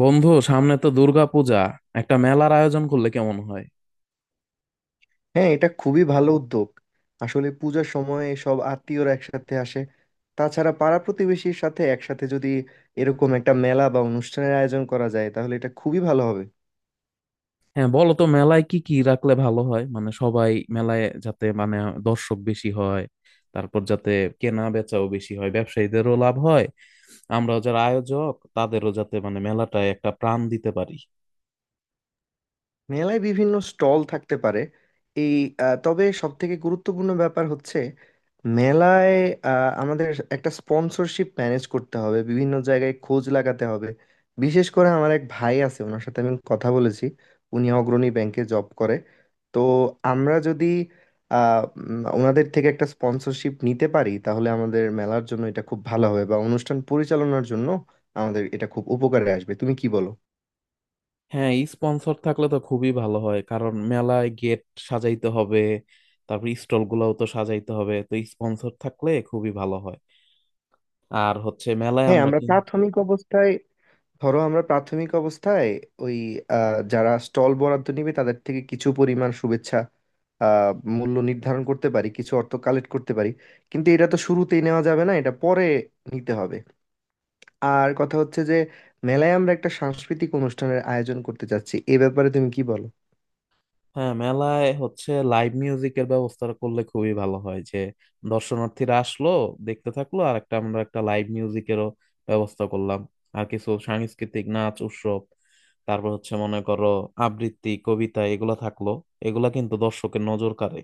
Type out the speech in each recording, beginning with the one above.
বন্ধু, সামনে তো দুর্গাপূজা। একটা মেলার আয়োজন করলে কেমন হয়? হ্যাঁ, এটা খুবই ভালো উদ্যোগ। আসলে পূজার সময় সব আত্মীয়রা একসাথে আসে। তাছাড়া পাড়া প্রতিবেশীর সাথে একসাথে যদি এরকম একটা মেলা বা অনুষ্ঠানের আয়োজন করা যায়, তাহলে এটা খুবই ভালো হবে। হ্যাঁ, বলো তো, মেলায় কি কি রাখলে ভালো হয়, মানে সবাই মেলায় যাতে, মানে দর্শক বেশি হয়। তারপর যাতে কেনা বেচাও বেশি হয়, ব্যবসায়ীদেরও লাভ হয়। আমরা যারা আয়োজক তাদেরও যাতে, মানে মেলাটায় একটা প্রাণ দিতে পারি। মেলায় বিভিন্ন স্টল থাকতে পারে। এই তবে সব থেকে গুরুত্বপূর্ণ ব্যাপার হচ্ছে, মেলায় আমাদের একটা স্পন্সরশিপ ম্যানেজ করতে হবে, বিভিন্ন জায়গায় খোঁজ লাগাতে হবে। বিশেষ করে আমার এক ভাই আছে, ওনার সাথে আমি কথা বলেছি। উনি অগ্রণী ব্যাংকে জব করে। তো আমরা যদি ওনাদের থেকে একটা স্পন্সরশিপ নিতে পারি, তাহলে আমাদের মেলার জন্য এটা খুব ভালো হবে বা অনুষ্ঠান পরিচালনার জন্য আমাদের এটা খুব উপকারে আসবে। তুমি কি বলো? হ্যাঁ, স্পন্সর থাকলে তো খুবই ভালো হয়, কারণ মেলায় গেট সাজাইতে হবে। তারপর স্টল গুলাও তো সাজাইতে হবে, তো স্পন্সর থাকলে খুবই ভালো হয়। আর হচ্ছে মেলায় হ্যাঁ, আমরা আমরা কিন্তু। প্রাথমিক অবস্থায়, ধরো আমরা প্রাথমিক অবস্থায় ওই যারা স্টল বরাদ্দ নিবে তাদের থেকে কিছু পরিমাণ শুভেচ্ছা আহ, মূল্য নির্ধারণ করতে পারি, কিছু অর্থ কালেক্ট করতে পারি। কিন্তু এটা তো শুরুতেই নেওয়া যাবে না, এটা পরে নিতে হবে। আর কথা হচ্ছে যে, মেলায় আমরা একটা সাংস্কৃতিক অনুষ্ঠানের আয়োজন করতে চাচ্ছি। এ ব্যাপারে তুমি কি বলো? হ্যাঁ, মেলায় হচ্ছে লাইভ মিউজিকের ব্যবস্থা করলে খুবই ভালো হয়, যে দর্শনার্থীরা আসলো, দেখতে থাকলো, আর আমরা একটা লাইভ মিউজিকেরও ব্যবস্থা করলাম। আর কিছু সাংস্কৃতিক নাচ উৎসব, তারপর হচ্ছে মনে করো আবৃত্তি কবিতা এগুলা থাকলো। এগুলা কিন্তু দর্শকের নজর কাড়ে।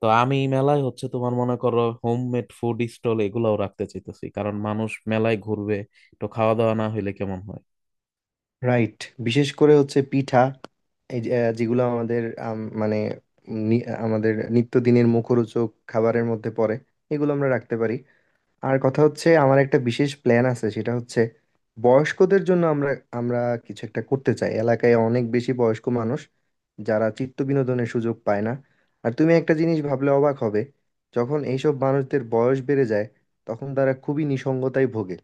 তো আমি মেলায় হচ্ছে তোমার মনে করো হোমমেড ফুড স্টল এগুলাও রাখতে চাইতেছি, কারণ মানুষ মেলায় ঘুরবে। তো খাওয়া দাওয়া না হইলে কেমন হয়? রাইট। বিশেষ করে হচ্ছে পিঠা, এই যে, যেগুলো আমাদের, মানে আমাদের নিত্যদিনের মুখরোচক খাবারের মধ্যে পড়ে, এগুলো আমরা রাখতে পারি। আর কথা হচ্ছে, আমার একটা বিশেষ প্ল্যান আছে, সেটা হচ্ছে বয়স্কদের জন্য আমরা আমরা কিছু একটা করতে চাই। এলাকায় অনেক বেশি বয়স্ক মানুষ, যারা চিত্ত বিনোদনের সুযোগ পায় না। আর তুমি একটা জিনিস ভাবলে অবাক হবে, যখন এইসব মানুষদের বয়স বেড়ে যায় তখন তারা খুবই নিসঙ্গতায় ভোগে।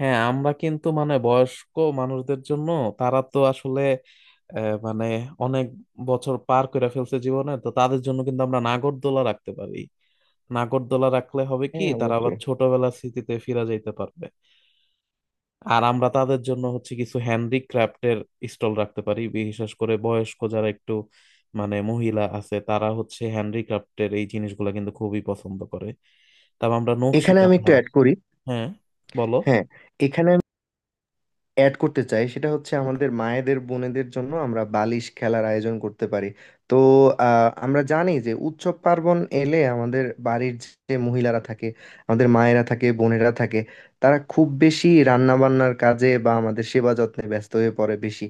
হ্যাঁ, আমরা কিন্তু মানে বয়স্ক মানুষদের জন্য, তারা তো আসলে মানে অনেক বছর পার করে ফেলছে জীবনে। তো তাদের জন্য কিন্তু আমরা নাগরদোলা রাখতে পারি। নাগরদোলা রাখলে হবে কি, হ্যাঁ, তারা আবার অবশ্যই। ছোটবেলার স্মৃতিতে ফিরে যাইতে পারবে। আর আমরা তাদের জন্য হচ্ছে কিছু হ্যান্ডিক্রাফটের স্টল রাখতে পারি, বিশেষ করে বয়স্ক যারা একটু মানে মহিলা আছে, তারা হচ্ছে হ্যান্ডিক্রাফটের এই জিনিসগুলো কিন্তু খুবই পছন্দ করে। তারপর আমরা নকশি এখানে আমি একটু কাঁথার। অ্যাড করি। হ্যাঁ, বলো। হ্যাঁ, এখানে অ্যাড করতে চাই, সেটা হচ্ছে আমাদের মায়েদের, বোনেদের জন্য আমরা বালিশ খেলার আয়োজন করতে পারি। তো আমরা জানি যে, উৎসব পার্বণ এলে আমাদের বাড়ির যে মহিলারা থাকে, আমাদের মায়েরা থাকে, বোনেরা থাকে, তারা খুব বেশি রান্না বান্নার কাজে বা আমাদের সেবা যত্নে ব্যস্ত হয়ে পড়ে বেশি।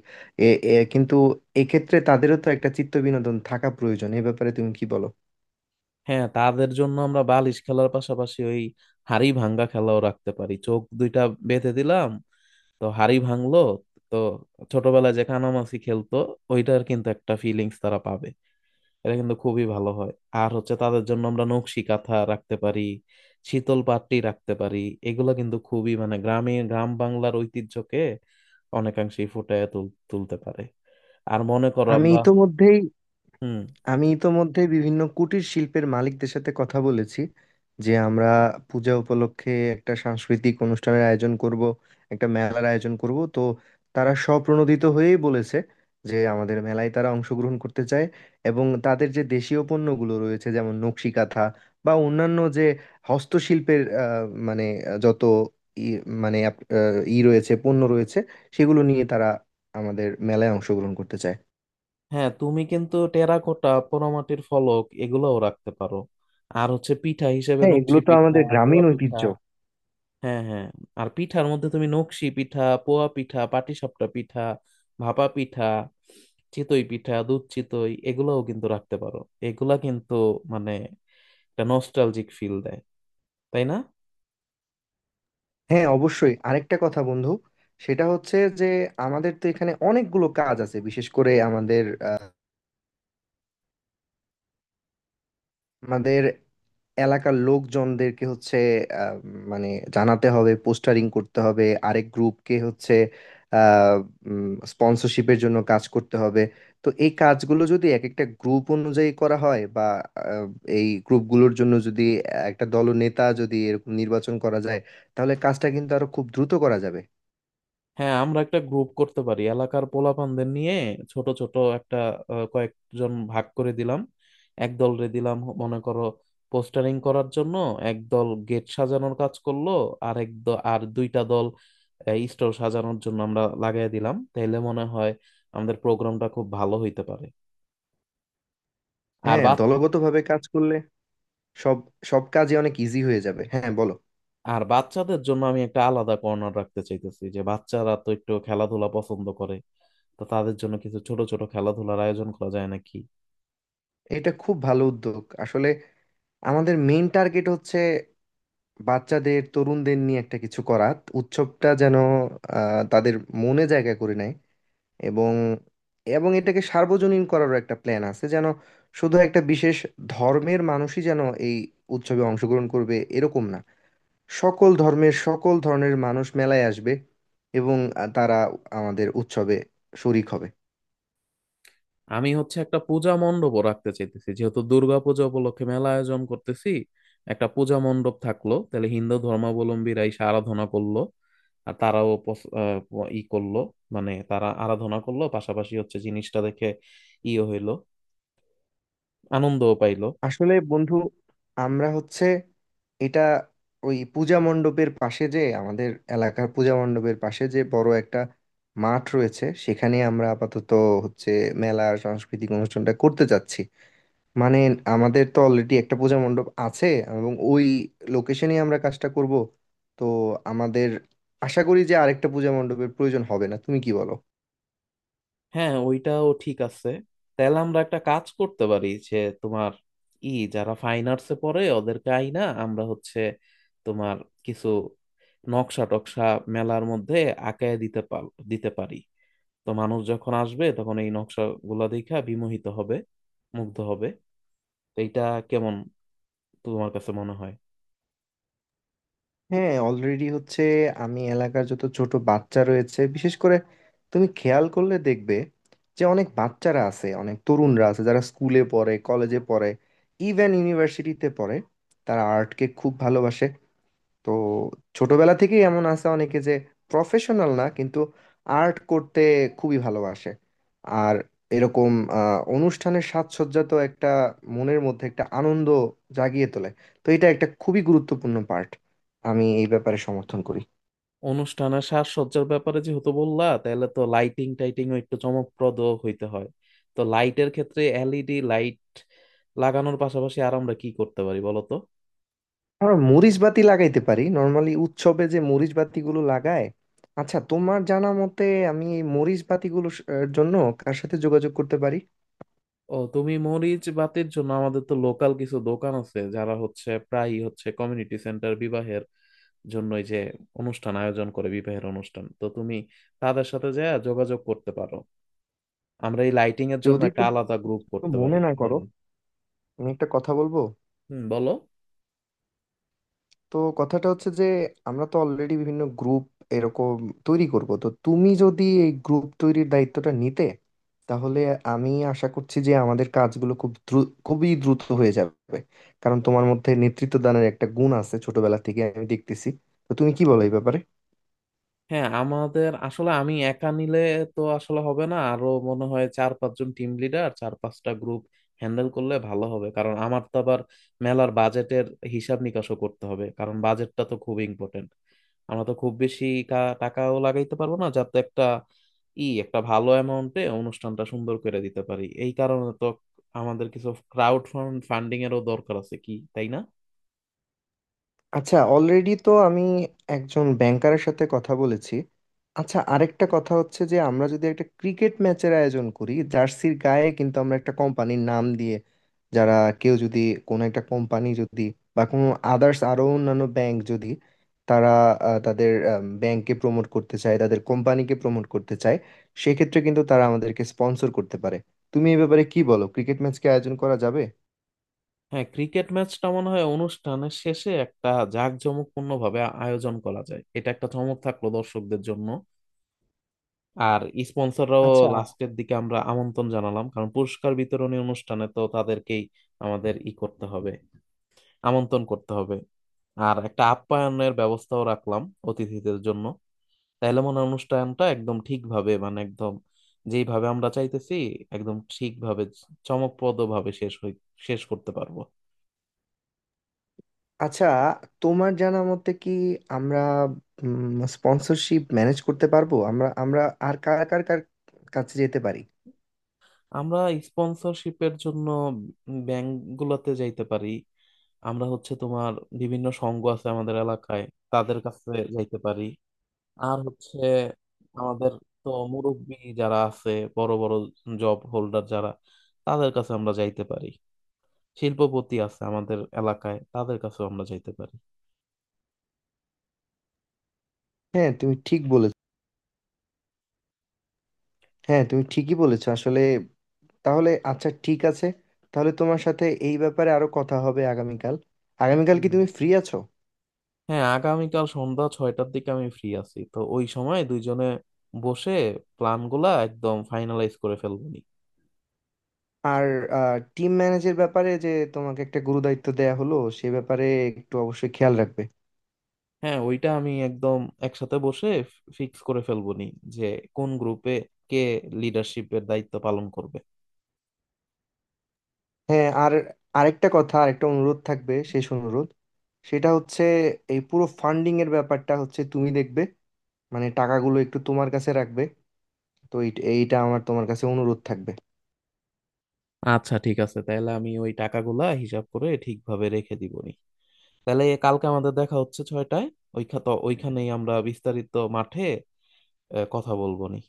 এ এ- কিন্তু এক্ষেত্রে তাদেরও তো একটা চিত্ত বিনোদন থাকা প্রয়োজন। এ ব্যাপারে তুমি কি বলো? হ্যাঁ, তাদের জন্য আমরা বালিশ খেলার পাশাপাশি ওই হাড়ি ভাঙ্গা খেলাও রাখতে পারি। চোখ দুইটা বেঁধে দিলাম, তো হাড়ি ভাঙলো। তো ছোটবেলায় যে কানামাছি খেলতো, ওইটার কিন্তু একটা ফিলিংস তারা পাবে। এটা কিন্তু খুবই ভালো হয়। আর হচ্ছে তাদের জন্য আমরা নকশি কাঁথা রাখতে পারি, শীতল পাট্টি রাখতে পারি। এগুলো কিন্তু খুবই, মানে গ্রামে গ্রাম বাংলার ঐতিহ্যকে অনেকাংশেই ফুটিয়ে তুলতে পারে। আর মনে করো আমি আমরা। ইতোমধ্যেই হুম। আমি ইতোমধ্যে বিভিন্ন কুটির শিল্পের মালিকদের সাথে কথা বলেছি যে, আমরা পূজা উপলক্ষে একটা সাংস্কৃতিক অনুষ্ঠানের আয়োজন করব, একটা মেলার আয়োজন করব। তো তারা স্বপ্রণোদিত হয়েই বলেছে যে, আমাদের মেলায় তারা অংশগ্রহণ করতে চায়, এবং তাদের যে দেশীয় পণ্যগুলো রয়েছে যেমন নকশি কাঁথা বা অন্যান্য যে হস্তশিল্পের মানে যত ই মানে ই রয়েছে, পণ্য রয়েছে, সেগুলো নিয়ে তারা আমাদের মেলায় অংশগ্রহণ করতে চায়। হ্যাঁ, তুমি কিন্তু টেরাকোটা পোড়ামাটির ফলক এগুলোও রাখতে পারো। আর হচ্ছে পিঠা হিসেবে হ্যাঁ, নকশি এগুলো তো পিঠা, আমাদের পোয়া গ্রামীণ পিঠা। ঐতিহ্য। হ্যাঁ, হ্যাঁ। আর পিঠার মধ্যে তুমি নকশি পিঠা, পোয়া পিঠা, পাটিসাপটা পিঠা, ভাপা পিঠা, চিতই পিঠা, দুধ চিতই এগুলাও কিন্তু রাখতে পারো। এগুলা কিন্তু মানে একটা নস্টালজিক ফিল দেয়, তাই না? হ্যাঁ, অবশ্যই। আরেকটা কথা, বন্ধু, সেটা হচ্ছে যে, আমাদের তো এখানে অনেকগুলো কাজ আছে। বিশেষ করে আমাদের এলাকার লোকজনদেরকে হচ্ছে, আহ, মানে জানাতে হবে, পোস্টারিং করতে হবে। আরেক গ্রুপকে হচ্ছে স্পন্সরশিপের জন্য কাজ করতে হবে। তো এই কাজগুলো যদি এক একটা গ্রুপ অনুযায়ী করা হয়, বা আহ, এই গ্রুপগুলোর জন্য যদি একটা দলনেতা যদি এরকম নির্বাচন করা যায়, তাহলে কাজটা কিন্তু আরো খুব দ্রুত করা যাবে। হ্যাঁ, আমরা একটা গ্রুপ করতে পারি এলাকার পোলাপানদের নিয়ে। ছোট ছোট একটা কয়েকজন ভাগ করে দিলাম। একদল রে দিলাম মনে করো পোস্টারিং করার জন্য। একদল গেট সাজানোর কাজ করলো। আর দুইটা দল স্টল সাজানোর জন্য আমরা লাগাই দিলাম, তাহলে মনে হয় আমাদের প্রোগ্রামটা খুব ভালো হইতে পারে। আর হ্যাঁ, বাচ্চা দলগতভাবে কাজ করলে সব সব কাজে অনেক ইজি হয়ে যাবে। হ্যাঁ, বলো। আর বাচ্চাদের জন্য আমি একটা আলাদা কর্নার রাখতে চাইতেছি, যে বাচ্চারা তো একটু খেলাধুলা পছন্দ করে। তো তাদের জন্য কিছু ছোট ছোট খেলাধুলার আয়োজন করা যায় নাকি? এটা খুব ভালো উদ্যোগ। আসলে আমাদের মেইন টার্গেট হচ্ছে বাচ্চাদের, তরুণদের নিয়ে একটা কিছু করা। উৎসবটা যেন তাদের মনে জায়গা করে নেয়, এবং এবং এটাকে সার্বজনীন করারও একটা প্ল্যান আছে, যেন শুধু একটা বিশেষ ধর্মের মানুষই যেন এই উৎসবে অংশগ্রহণ করবে এরকম না, সকল ধর্মের সকল ধরনের মানুষ মেলায় আসবে এবং তারা আমাদের উৎসবে শরিক হবে। আমি হচ্ছে একটা পূজা মণ্ডপও রাখতে চাইতেছি, যেহেতু দুর্গাপূজা উপলক্ষে মেলা আয়োজন করতেছি। একটা পূজা মণ্ডপ থাকলো, তাহলে হিন্দু ধর্মাবলম্বীরা এসে আরাধনা করলো। আর তারাও ই করলো, মানে তারা আরাধনা করলো, পাশাপাশি হচ্ছে জিনিসটা দেখে ইয়ে হইলো, আনন্দও পাইলো। আসলে বন্ধু, আমরা হচ্ছে এটা, ওই পূজা মণ্ডপের পাশে যে আমাদের এলাকার পূজা মণ্ডপের পাশে যে বড় একটা মাঠ রয়েছে, সেখানে আমরা আপাতত হচ্ছে মেলা, সাংস্কৃতিক অনুষ্ঠানটা করতে যাচ্ছি। মানে আমাদের তো অলরেডি একটা পূজা মণ্ডপ আছে এবং ওই লোকেশনেই আমরা কাজটা করব। তো আমাদের আশা করি যে আরেকটা পূজা মণ্ডপের প্রয়োজন হবে না। তুমি কি বলো? হ্যাঁ, ওইটাও ঠিক আছে। তাহলে আমরা একটা কাজ করতে পারি, যে তোমার ই যারা ফাইন আর্টসে পড়ে, ওদেরকে আইনা আমরা হচ্ছে তোমার কিছু নকশা টকশা মেলার মধ্যে আঁকায় দিতে পারি। তো মানুষ যখন আসবে তখন এই নকশা গুলা দেখা বিমোহিত হবে, মুগ্ধ হবে। তো এইটা কেমন তোমার কাছে মনে হয়? হ্যাঁ, অলরেডি হচ্ছে, আমি এলাকার যত ছোট বাচ্চা রয়েছে, বিশেষ করে তুমি খেয়াল করলে দেখবে যে অনেক বাচ্চারা আছে, অনেক তরুণরা আছে, যারা স্কুলে পড়ে, কলেজে পড়ে, ইভেন ইউনিভার্সিটিতে পড়ে, তারা আর্টকে খুব ভালোবাসে। তো ছোটবেলা থেকেই এমন আছে অনেকে যে, প্রফেশনাল না কিন্তু আর্ট করতে খুবই ভালোবাসে। আর এরকম অনুষ্ঠানের সাজসজ্জা তো একটা মনের মধ্যে একটা আনন্দ জাগিয়ে তোলে। তো এটা একটা খুবই গুরুত্বপূর্ণ পার্ট। আমি এই ব্যাপারে সমর্থন করি। অনুষ্ঠান আর সাজসজ্জার ব্যাপারে যেহেতু বললা, তাহলে তো লাইটিং টাইটিংও একটু চমকপ্রদ হইতে হয়। তো লাইটের ক্ষেত্রে এলইডি লাইট লাগানোর পাশাপাশি আর আমরা কি করতে পারি বলো তো? আমরা মরিচ বাতি লাগাইতে পারি, নর্মালি উৎসবে যে মরিচ বাতিগুলো লাগায়। আচ্ছা, তোমার জানা মতে, আমি এই মরিচ বাতিগুলোর এর জন্য কার সাথে যোগাযোগ করতে পারি? ও, তুমি মরিচ বাতির জন্য আমাদের তো লোকাল কিছু দোকান আছে, যারা হচ্ছে প্রায়ই হচ্ছে কমিউনিটি সেন্টার বিবাহের জন্য এই যে অনুষ্ঠান আয়োজন করে বিবাহের অনুষ্ঠান, তো তুমি তাদের সাথে যা যোগাযোগ করতে পারো। আমরা এই লাইটিং এর জন্য যদি একটা আলাদা তুমি গ্রুপ করতে পারি, মনে না কি করো, বলো? আমি একটা কথা বলবো। হুম, বলো। তো কথাটা হচ্ছে যে, আমরা তো অলরেডি বিভিন্ন গ্রুপ এরকম তৈরি করব। তো তুমি যদি এই গ্রুপ তৈরির দায়িত্বটা নিতে, তাহলে আমি আশা করছি যে আমাদের কাজগুলো খুব দ্রুত, খুবই দ্রুত হয়ে যাবে। কারণ তোমার মধ্যে নেতৃত্ব দানের একটা গুণ আছে ছোটবেলা থেকে আমি দেখতেছি। তো তুমি কি বলো এই ব্যাপারে? হ্যাঁ, আমাদের আসলে আমি একা নিলে তো আসলে হবে না, আরো মনে হয় চার পাঁচজন টিম লিডার চার পাঁচটা গ্রুপ হ্যান্ডেল করলে ভালো হবে। কারণ আমার তো আবার মেলার বাজেটের হিসাব নিকাশও করতে হবে, কারণ বাজেটটা তো খুব ইম্পর্টেন্ট। আমরা তো খুব বেশি টাকাও লাগাইতে পারবো না, যাতে একটা ভালো অ্যামাউন্টে অনুষ্ঠানটা সুন্দর করে দিতে পারি। এই কারণে তো আমাদের কিছু ক্রাউড ফান্ডিং এরও দরকার আছে, কি তাই না? আচ্ছা, অলরেডি তো আমি একজন ব্যাংকারের সাথে কথা বলেছি। আচ্ছা, আরেকটা কথা হচ্ছে যে, আমরা যদি একটা ক্রিকেট ম্যাচের আয়োজন করি, জার্সির গায়ে কিন্তু আমরা একটা কোম্পানির নাম দিয়ে, যারা, কেউ যদি, কোনো একটা কোম্পানি যদি বা কোনো আদার্স, আরো অন্যান্য ব্যাংক যদি, তারা তাদের ব্যাংককে প্রমোট করতে চায়, তাদের কোম্পানিকে প্রমোট করতে চায়, সেক্ষেত্রে কিন্তু তারা আমাদেরকে স্পন্সর করতে পারে। তুমি এই ব্যাপারে কি বলো, ক্রিকেট ম্যাচকে আয়োজন করা যাবে? হ্যাঁ, ক্রিকেট ম্যাচটা মনে হয় অনুষ্ঠানের শেষে একটা জাঁকজমকপূর্ণ ভাবে আয়োজন করা যায়, এটা একটা চমক থাকলো দর্শকদের জন্য। আর স্পন্সররাও আচ্ছা, লাস্টের দিকে আমরা আমন্ত্রণ জানালাম, কারণ পুরস্কার বিতরণী অনুষ্ঠানে তো তাদেরকেই আমাদের ই করতে হবে, আমন্ত্রণ করতে হবে। আর একটা আপ্যায়নের ব্যবস্থাও রাখলাম অতিথিদের জন্য। তাইলে মনে হয় অনুষ্ঠানটা একদম ঠিকভাবে, মানে একদম যেইভাবে আমরা চাইতেছি, একদম ঠিকভাবে চমকপ্রদ ভাবে শেষ করতে পারবো। আচ্ছা, তোমার জানা মতে কি আমরা স্পন্সরশিপ ম্যানেজ করতে পারবো? আমরা আমরা আর কার কার কার কাছে যেতে পারি? আমরা স্পন্সরশিপের জন্য ব্যাংক গুলাতে যাইতে পারি। আমরা হচ্ছে তোমার বিভিন্ন সংঘ আছে আমাদের এলাকায়, তাদের কাছে যাইতে পারি। আর হচ্ছে আমাদের তো মুরব্বি যারা আছে, বড় বড় জব হোল্ডার যারা, তাদের কাছে আমরা যাইতে পারি। শিল্পপতি আছে আমাদের এলাকায়, তাদের কাছেও আমরা যাইতে পারি। হ্যাঁ, তুমি ঠিক বলেছ। হ্যাঁ, তুমি ঠিকই বলেছো আসলে। তাহলে আচ্ছা, ঠিক আছে, তাহলে তোমার সাথে এই ব্যাপারে আরো কথা হবে আগামীকাল। আগামীকাল কি হুম। তুমি ফ্রি আছো? হ্যাঁ, আগামীকাল সন্ধ্যা 6টার দিকে আমি ফ্রি আছি, তো ওই সময় দুইজনে বসে প্ল্যান গুলা একদম ফাইনালাইজ করে ফেলবো। আর টিম ম্যানেজের ব্যাপারে যে তোমাকে একটা গুরুদায়িত্ব দেয়া হলো, সে ব্যাপারে একটু অবশ্যই খেয়াল রাখবে। হ্যাঁ, ওইটা আমি একদম একসাথে বসে ফিক্স করে ফেলবো নি, যে কোন গ্রুপে কে লিডারশিপের দায়িত্ব পালন করবে। হ্যাঁ, আর আরেকটা কথা, আরেকটা অনুরোধ থাকবে, শেষ অনুরোধ। সেটা হচ্ছে, এই পুরো ফান্ডিং এর ব্যাপারটা হচ্ছে তুমি দেখবে, মানে টাকাগুলো একটু তোমার কাছে রাখবে। তো এইটা আমার তোমার কাছে অনুরোধ থাকবে। আচ্ছা, ঠিক আছে, তাহলে আমি ওই টাকাগুলা হিসাব করে ঠিকভাবে রেখে দিব নি। তাহলে কালকে আমাদের দেখা হচ্ছে 6টায়, ওইখানে ওইখানেই আমরা বিস্তারিত মাঠে কথা বলবো নি।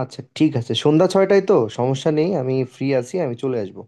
আচ্ছা, ঠিক আছে, সন্ধ্যা ছয়টায় তো সমস্যা নেই, আমি ফ্রি আছি, আমি চলে আসবো।